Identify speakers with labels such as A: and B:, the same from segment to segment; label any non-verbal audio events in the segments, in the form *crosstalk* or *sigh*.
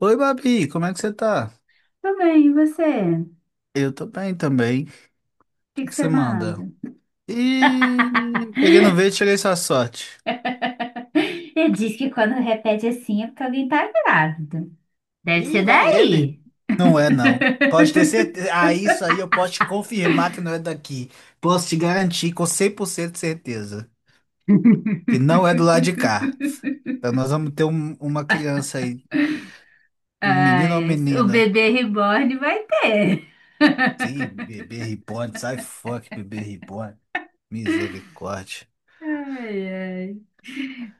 A: Oi, Babi, como é que você tá?
B: Tudo bem, e você? O
A: Eu tô bem também. O
B: que
A: que
B: que
A: que você
B: você
A: manda?
B: manda?
A: E peguei no verde, cheguei sua sorte.
B: Ele diz que quando repete assim é porque alguém tá grávida. Deve
A: Ih,
B: ser
A: lá ele.
B: daí.
A: Não é, não. Pode ter certeza.
B: *laughs*
A: Ah, isso aí eu posso te confirmar que não é daqui. Posso te garantir com 100% de certeza que não é do lado de cá. Então nós vamos ter uma criança aí, um menino
B: Ai,
A: ou
B: ai, o
A: menina.
B: bebê reborn vai ter.
A: Sim, bebê reborn, sai fora que bebê reborn. Misericórdia.
B: Ai, ai.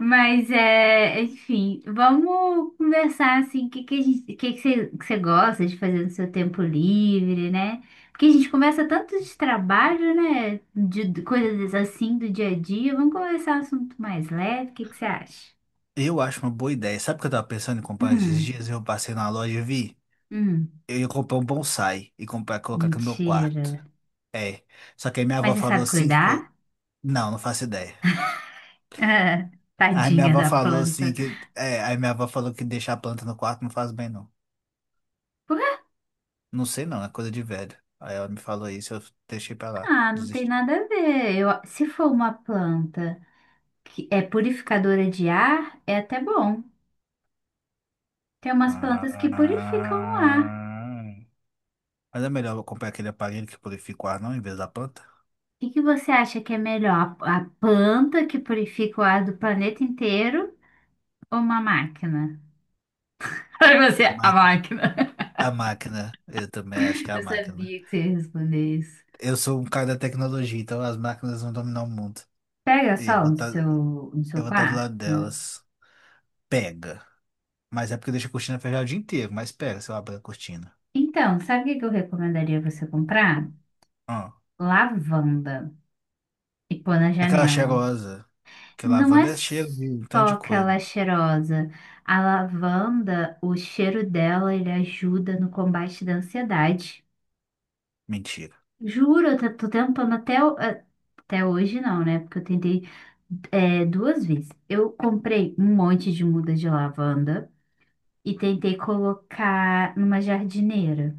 B: Mas é, enfim, vamos conversar assim, o que que a gente, o que que você gosta de fazer no seu tempo livre, né? Porque a gente conversa tanto de trabalho, né? De coisas assim do dia a dia. Vamos conversar um assunto mais leve. O que que você acha?
A: Eu acho uma boa ideia. Sabe o que eu tava pensando em comprar esses
B: Hum,
A: dias? Eu passei na loja e vi.
B: hum,
A: Eu ia comprar um bonsai e comprar, colocar aqui no meu quarto.
B: mentira.
A: É. Só que aí minha avó
B: Mas você
A: falou
B: sabe
A: assim que.
B: cuidar? *laughs*
A: Não, não faço ideia.
B: Ah,
A: Aí minha
B: tadinha
A: avó
B: da
A: falou assim
B: planta.
A: que. É, aí minha avó falou que deixar a planta no quarto não faz bem, não. Não sei não, é coisa de velho. Aí ela me falou isso, eu deixei pra lá.
B: Ah, não tem
A: Desisti.
B: nada a ver. Eu, se for uma planta que é purificadora de ar, é até bom. Tem umas plantas que
A: Ah.
B: purificam o ar. O
A: Mas é melhor eu comprar aquele aparelho que purifica o ar, não, em vez da planta?
B: que que você acha que é melhor? A planta que purifica o ar do planeta inteiro ou uma máquina? *laughs* Aí você,
A: A
B: é a
A: máquina.
B: máquina.
A: A máquina. Eu também acho que é
B: Eu
A: a máquina.
B: sabia que você ia responder isso.
A: Eu sou um cara da tecnologia, então as máquinas vão dominar o mundo.
B: Pega
A: E
B: sol no seu
A: eu vou estar do lado
B: quarto.
A: delas. Pega. Mas é porque deixa a cortina fechada o dia inteiro, mas pega se eu abrir a cortina.
B: Então, sabe o que que eu recomendaria você comprar?
A: Ah,
B: Lavanda e pôr na
A: aquela
B: janela.
A: cheirosa. Porque
B: Não é
A: lavanda é cheiro de um tanto
B: só
A: de coisa.
B: aquela cheirosa. A lavanda, o cheiro dela, ele ajuda no combate da ansiedade.
A: Mentira.
B: Juro, tô tentando até, até hoje não, né? Porque eu tentei duas vezes. Eu comprei um monte de muda de lavanda e tentei colocar numa jardineira.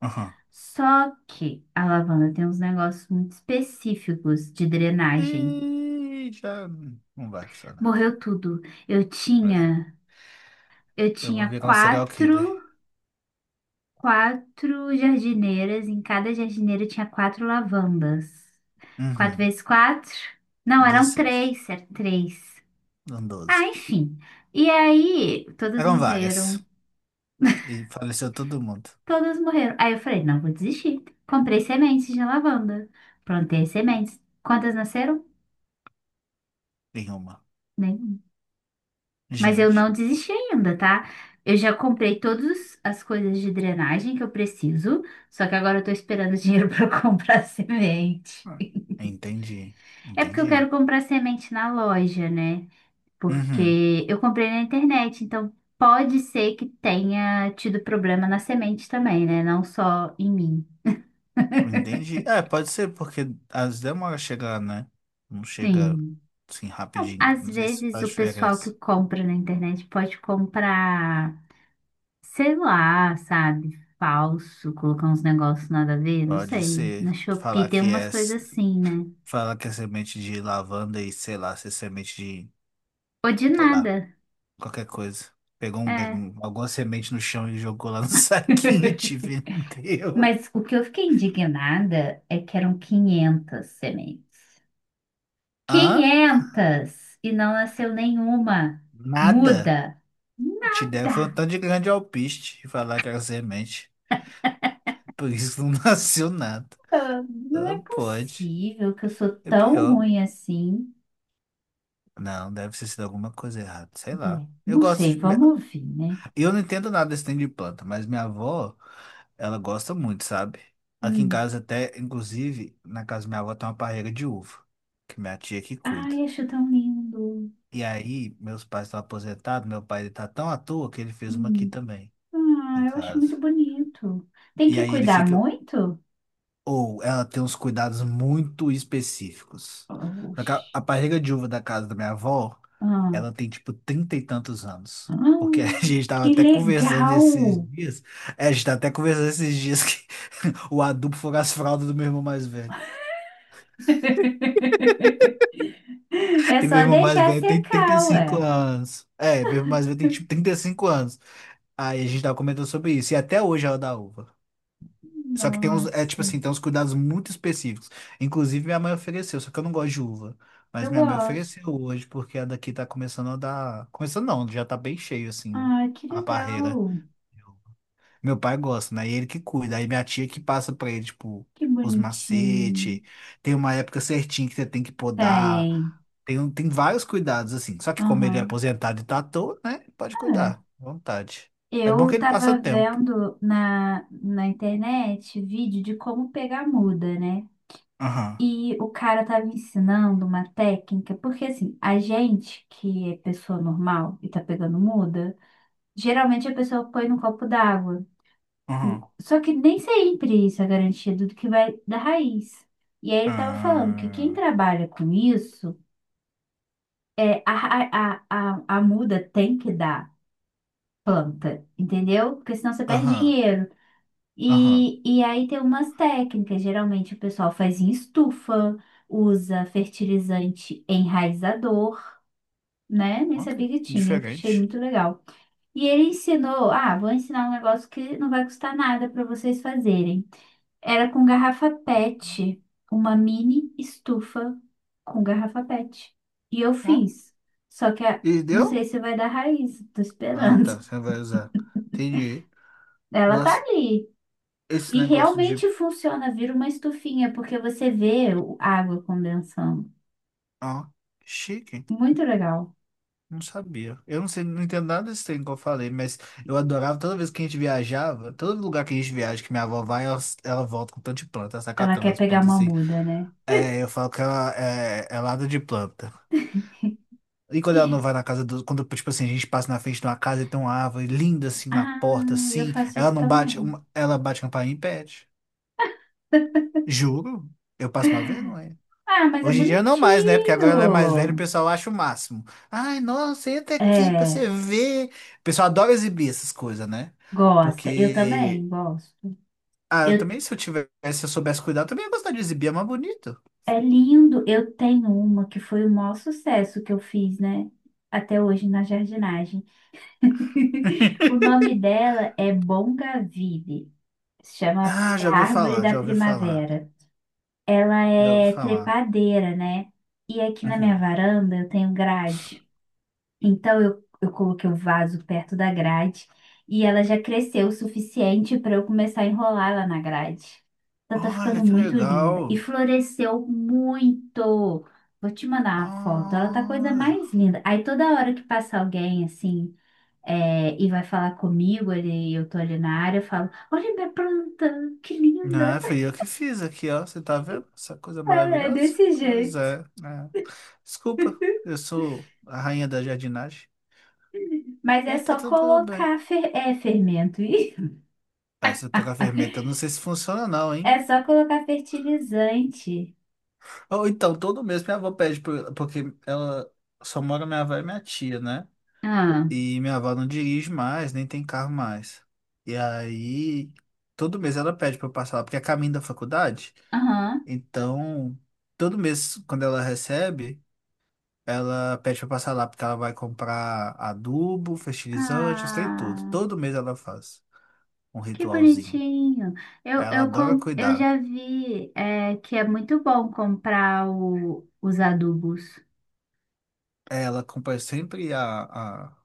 A: Aham.
B: Só que a lavanda tem uns negócios muito específicos de drenagem.
A: E já não vai funcionar aqui.
B: Morreu tudo. Eu
A: É.
B: tinha, eu
A: Eu vou
B: tinha
A: virar um serial killer.
B: quatro jardineiras. Em cada jardineira tinha quatro lavandas. Quatro
A: Uhum.
B: vezes quatro? Não, eram
A: 16.
B: três, era três.
A: Não,
B: Ah,
A: 12.
B: enfim. E aí, todas
A: Eram várias.
B: morreram.
A: E faleceu todo mundo
B: Todas morreram. Aí eu falei, não vou desistir. Comprei sementes de lavanda. Plantei as sementes. Quantas nasceram?
A: em uma.
B: Nenhuma. Mas eu
A: Gente.
B: não desisti ainda, tá? Eu já comprei todas as coisas de drenagem que eu preciso, só que agora eu tô esperando dinheiro *laughs* para comprar semente.
A: Hum. Entendi,
B: É porque eu
A: entendi.
B: quero comprar semente na loja, né?
A: Uhum,
B: Porque eu comprei na internet, então pode ser que tenha tido problema na semente também, né? Não só em mim.
A: entendi. É, pode ser, porque as demoras chegar, né? Não chega
B: Sim.
A: assim
B: Não,
A: rapidinho.
B: às
A: Não sei se
B: vezes o
A: faz
B: pessoal que
A: diferença.
B: compra na internet pode comprar. Sei lá, sabe? Falso, colocar uns negócios nada a ver, não
A: Pode
B: sei. Na
A: ser
B: Shopee
A: falar
B: tem
A: que é,
B: umas coisas assim, né?
A: falar que é semente de lavanda e sei lá, se é semente de,
B: Ou de
A: sei lá,
B: nada,
A: qualquer coisa. Pegou
B: é.
A: alguma semente no chão e jogou lá no *laughs* saquinho e te
B: *laughs*
A: vendeu.
B: Mas o que eu fiquei indignada é que eram 500 sementes.
A: Hã?
B: Quinhentas e não nasceu nenhuma.
A: Nada.
B: Muda.
A: Te deram foi um
B: Nada.
A: tanto de grande alpiste e falar que era semente. Por isso não *laughs* nasceu nada.
B: Ah, não é
A: Ah, pode.
B: possível que eu sou
A: É
B: tão
A: pior.
B: ruim assim.
A: Não, deve ter sido alguma coisa errada. Sei lá.
B: É,
A: Eu
B: não
A: gosto
B: sei,
A: de... minha-
B: vamos ouvir, né?
A: Eu não entendo nada desse trem de planta, mas minha avó, ela gosta muito, sabe? Aqui em
B: Hum.
A: casa até, inclusive, na casa da minha avó tem uma parreira de uva, que minha tia que cuida.
B: Ai, acho tão lindo.
A: E aí, meus pais estão aposentados, meu pai ele tá tão à toa que ele fez uma aqui
B: Hum.
A: também, em
B: Ah, eu acho
A: casa.
B: muito bonito. Tem
A: E
B: que
A: aí ele
B: cuidar
A: fica...
B: muito?
A: Ou ela tem uns cuidados muito específica. Só que A
B: Oxi.
A: a parreira de uva da casa da minha avó,
B: Ah,
A: ela tem tipo trinta e tantos anos. Porque a *laughs*
B: ah,
A: gente tava
B: que
A: até conversando esses
B: legal!
A: dias. É, a gente tá até conversando esses dias que *laughs* o adubo foi as fraldas do meu irmão mais velho.
B: *laughs* É
A: E
B: só
A: meu irmão mais
B: deixar
A: velho tem trinta
B: secar,
A: e
B: ué.
A: cinco anos. É, meu irmão mais velho tem tipo 35 anos. Aí a gente tava comentando sobre isso. E até hoje ela dá uva. Só que tem uns, é tipo
B: Nossa,
A: assim, tem uns cuidados muito específicos. Inclusive minha mãe ofereceu, só que eu não gosto de uva. Mas
B: eu
A: minha mãe ofereceu
B: gosto.
A: hoje, porque a daqui tá começando a dar. Começando não, já tá bem cheio assim,
B: Ai, que
A: a barreira.
B: legal.
A: Meu pai gosta, né? E ele que cuida. Aí minha tia que passa pra ele, tipo,
B: Que
A: os
B: bonitinho.
A: macetes. Tem uma época certinha que você tem que podar.
B: Tem.
A: Tem, tem vários cuidados, assim. Só que como ele é
B: Aham.
A: aposentado e tá à toa, né? Pode
B: É.
A: cuidar, à vontade. É bom que
B: Eu
A: ele passa
B: tava
A: tempo.
B: vendo na internet vídeo de como pegar muda, né?
A: Aham,
B: E o cara estava ensinando uma técnica, porque assim, a gente que é pessoa normal e tá pegando muda, geralmente a pessoa põe no copo d'água.
A: aham,
B: Só que nem sempre isso é garantido do que vai da raiz. E aí ele estava falando que quem
A: ah,
B: trabalha com isso, é, a, ra- a muda tem que dar planta, entendeu? Porque senão você perde
A: aham,
B: dinheiro.
A: aham.
B: E aí tem umas técnicas, geralmente o pessoal faz em estufa, usa fertilizante enraizador, né? Nem
A: Ó, que
B: sabia que tinha, achei
A: diferente.
B: muito legal. E ele ensinou, ah, vou ensinar um negócio que não vai custar nada para vocês fazerem. Era com garrafa PET, uma mini estufa com garrafa PET. E eu
A: Ó,
B: fiz. Só que a-
A: e
B: não
A: deu?
B: sei se vai dar raiz, tô
A: Ah,
B: esperando.
A: tá. Você
B: *laughs*
A: vai usar. Entendi.
B: Ela tá
A: Nossa,
B: ali.
A: esse
B: E
A: negócio de...
B: realmente funciona, vira uma estufinha, porque você vê a água condensando.
A: Ó, chique.
B: Muito legal.
A: Não sabia. Eu não sei, não entendo nada desse trem que eu falei, mas eu adorava toda vez que a gente viajava, todo lugar que a gente viaja, que minha avó vai, ela volta com tanto de planta, ela sai
B: Ela
A: catando
B: quer
A: as
B: pegar
A: plantas
B: uma
A: assim.
B: muda, né?
A: É, eu falo que ela é, é lada de planta. E quando ela não vai na casa do. Quando, tipo assim, a gente passa na frente de uma casa e tem uma árvore linda assim na
B: Ah,
A: porta,
B: eu
A: assim,
B: faço
A: ela
B: isso
A: não bate,
B: também.
A: ela bate a campainha e pede. Juro, eu passo uma vergonha.
B: Ah, mas é
A: Hoje em dia não mais, né? Porque agora ela é mais velha e o
B: bonitinho.
A: pessoal acha o máximo. Ai, nossa, entra aqui pra
B: É,
A: você ver. O pessoal adora exibir essas coisas, né?
B: gosta. Eu
A: Porque.
B: também gosto.
A: Ah, eu
B: Eu,
A: também, se eu tivesse, se eu soubesse cuidar, eu também ia gostar de exibir, é mais bonito.
B: é lindo. Eu tenho uma que foi o maior sucesso que eu fiz, né? Até hoje na jardinagem. *laughs* O
A: *laughs*
B: nome dela é Bongaville. Se chama
A: Ah,
B: é a
A: já ouvi
B: Árvore
A: falar,
B: da
A: já ouvi falar.
B: Primavera. Ela
A: Já ouvi
B: é
A: falar.
B: trepadeira, né? E aqui na minha
A: Uhum.
B: varanda eu tenho grade. Então eu coloquei o vaso perto da grade e ela já cresceu o suficiente para eu começar a enrolar ela na grade. Ela tá
A: Olha
B: ficando
A: que
B: muito linda e
A: legal.
B: floresceu muito. Vou te mandar uma foto. Ela tá a coisa
A: Olha.
B: mais linda. Aí toda hora que passa alguém assim e vai falar comigo, ele, eu tô ali na área, eu falo: Olha minha planta, que
A: Ah,
B: linda!
A: fui eu que fiz aqui, ó. Você tá vendo essa coisa
B: *laughs* É é
A: maravilhosa?
B: desse
A: Pois
B: jeito.
A: é, né? Desculpa, eu sou a rainha da jardinagem.
B: Mas é
A: E tá
B: só
A: tudo bem.
B: colocar é, fermento. *laughs* Ih.
A: Ah, essa coca fermenta, eu não sei se funciona não,
B: É
A: hein?
B: só colocar fertilizante.
A: Ou então, todo mês minha avó pede, porque ela só mora minha avó e minha tia, né?
B: Ah,
A: E minha avó não dirige mais, nem tem carro mais. E aí, todo mês ela pede pra eu passar lá, porque é caminho da faculdade.
B: aham.
A: Então, todo mês, quando ela recebe, ela pede pra eu passar lá, porque ela vai comprar adubo, fertilizante, os trem tudo.
B: Ah,
A: Todo mês ela faz um
B: que
A: ritualzinho.
B: bonitinho.
A: Ela adora
B: Eu
A: cuidar.
B: já vi é, que é muito bom comprar os adubos.
A: Ela acompanha sempre a...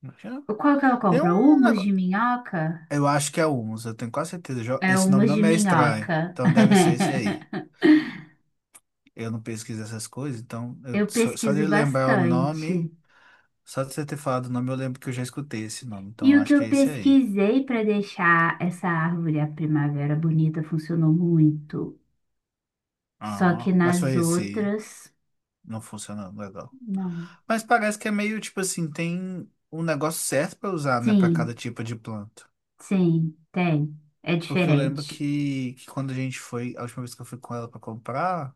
A: como é que chama?
B: Qual que eu
A: Tem
B: compro? O
A: um
B: humus
A: negócio...
B: de minhoca?
A: Eu acho que é Humus, eu tenho quase certeza. Jo-
B: É o
A: Esse nome
B: humus
A: não
B: de
A: me é estranho.
B: minhoca.
A: Então deve ser esse aí.
B: *laughs*
A: Eu não pesquiso essas coisas, então... eu-
B: Eu
A: Só, só de
B: pesquiso
A: lembrar o nome...
B: bastante.
A: Só de você ter falado o nome, eu lembro que eu já escutei esse nome. Então
B: E
A: eu
B: o que
A: acho que
B: eu
A: é esse aí.
B: pesquisei para deixar essa árvore, a primavera, bonita, funcionou muito. Só que
A: Ah, mas
B: nas
A: foi esse...
B: outras,
A: Não funcionando legal.
B: não.
A: Mas parece que é meio, tipo assim, tem um negócio certo pra usar, né? Pra cada
B: Sim,
A: tipo de planta.
B: sim, tem. É
A: Porque eu lembro
B: diferente.
A: que quando a gente foi... A última vez que eu fui com ela pra comprar...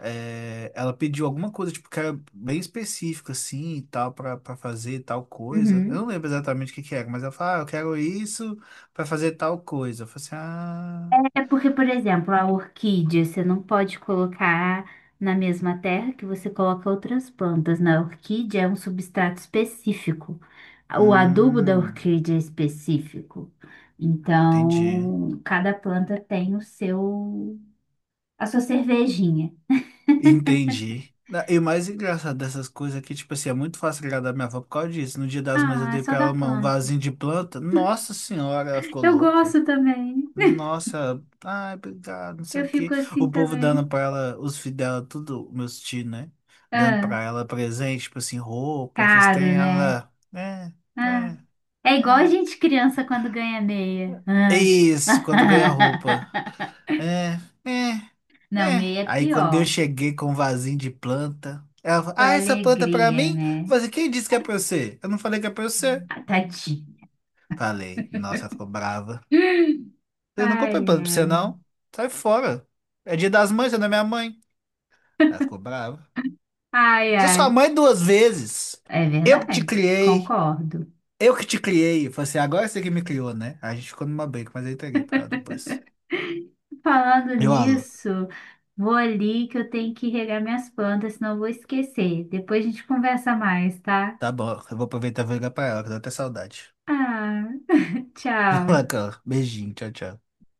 A: É, ela pediu alguma coisa, tipo, que era bem específica, assim, e tal, pra, pra fazer tal coisa. Eu
B: Uhum.
A: não lembro exatamente o que que era, mas ela falou, ah, eu quero isso pra fazer tal coisa. Eu falei assim, ah,
B: É porque, por exemplo, a orquídea, você não pode colocar na mesma terra que você coloca outras plantas. Na orquídea é um substrato específico. O adubo da
A: hum,
B: orquídea é específico.
A: entendi.
B: Então, cada planta tem o seu, a sua cervejinha.
A: Entendi. Na- E o mais engraçado dessas coisas é que, tipo assim, é muito fácil agradar minha avó por causa disso. No dia das mães eu
B: Ah, é
A: dei
B: só
A: pra
B: da
A: ela um
B: planta.
A: vasinho de planta. Nossa senhora, ela ficou
B: Eu
A: louca.
B: gosto também.
A: Nossa, ai, obrigado, não sei
B: Eu
A: o
B: fico
A: quê.
B: assim
A: O povo dando
B: também.
A: pra ela, os filhos dela, tudo, meus tios, né? Dando
B: Ah,
A: pra ela presente, tipo assim, roupa, vocês
B: caro,
A: têm
B: né?
A: ela. É,
B: Ah,
A: é,
B: é igual a
A: é.
B: gente criança quando ganha meia.
A: É
B: Ah.
A: isso, quando ganha roupa.
B: *laughs*
A: É, é,
B: Não,
A: é.
B: meia é
A: Aí quando eu
B: pior.
A: cheguei com um vasinho de planta, ela falou,
B: Foi
A: ah, essa planta é pra
B: alegria,
A: mim? Eu
B: né?
A: falei, assim, quem disse que é pra você? Eu não falei que é pra você.
B: Ah, tadinho.
A: Falei, nossa, ela ficou brava. Eu não
B: Ai,
A: comprei planta pra você,
B: ai.
A: não. Sai fora. É dia das mães, você não é minha mãe. Ela ficou brava.
B: Ai,
A: Sou sua
B: ai.
A: mãe duas vezes.
B: É
A: Eu que te
B: verdade,
A: criei.
B: concordo.
A: Eu que te criei. Eu falei assim, agora você que me criou, né? A gente ficou numa briga, mas eu entreguei pra ela depois.
B: Falando
A: Eu, alô,
B: nisso, vou ali que eu tenho que regar minhas plantas, senão eu vou esquecer. Depois a gente conversa mais, tá?
A: tá bom, eu vou aproveitar e vou ligar pra ela, que eu tô até saudade.
B: Ah,
A: *laughs*
B: tchau.
A: Bacana. Beijinho, tchau, tchau.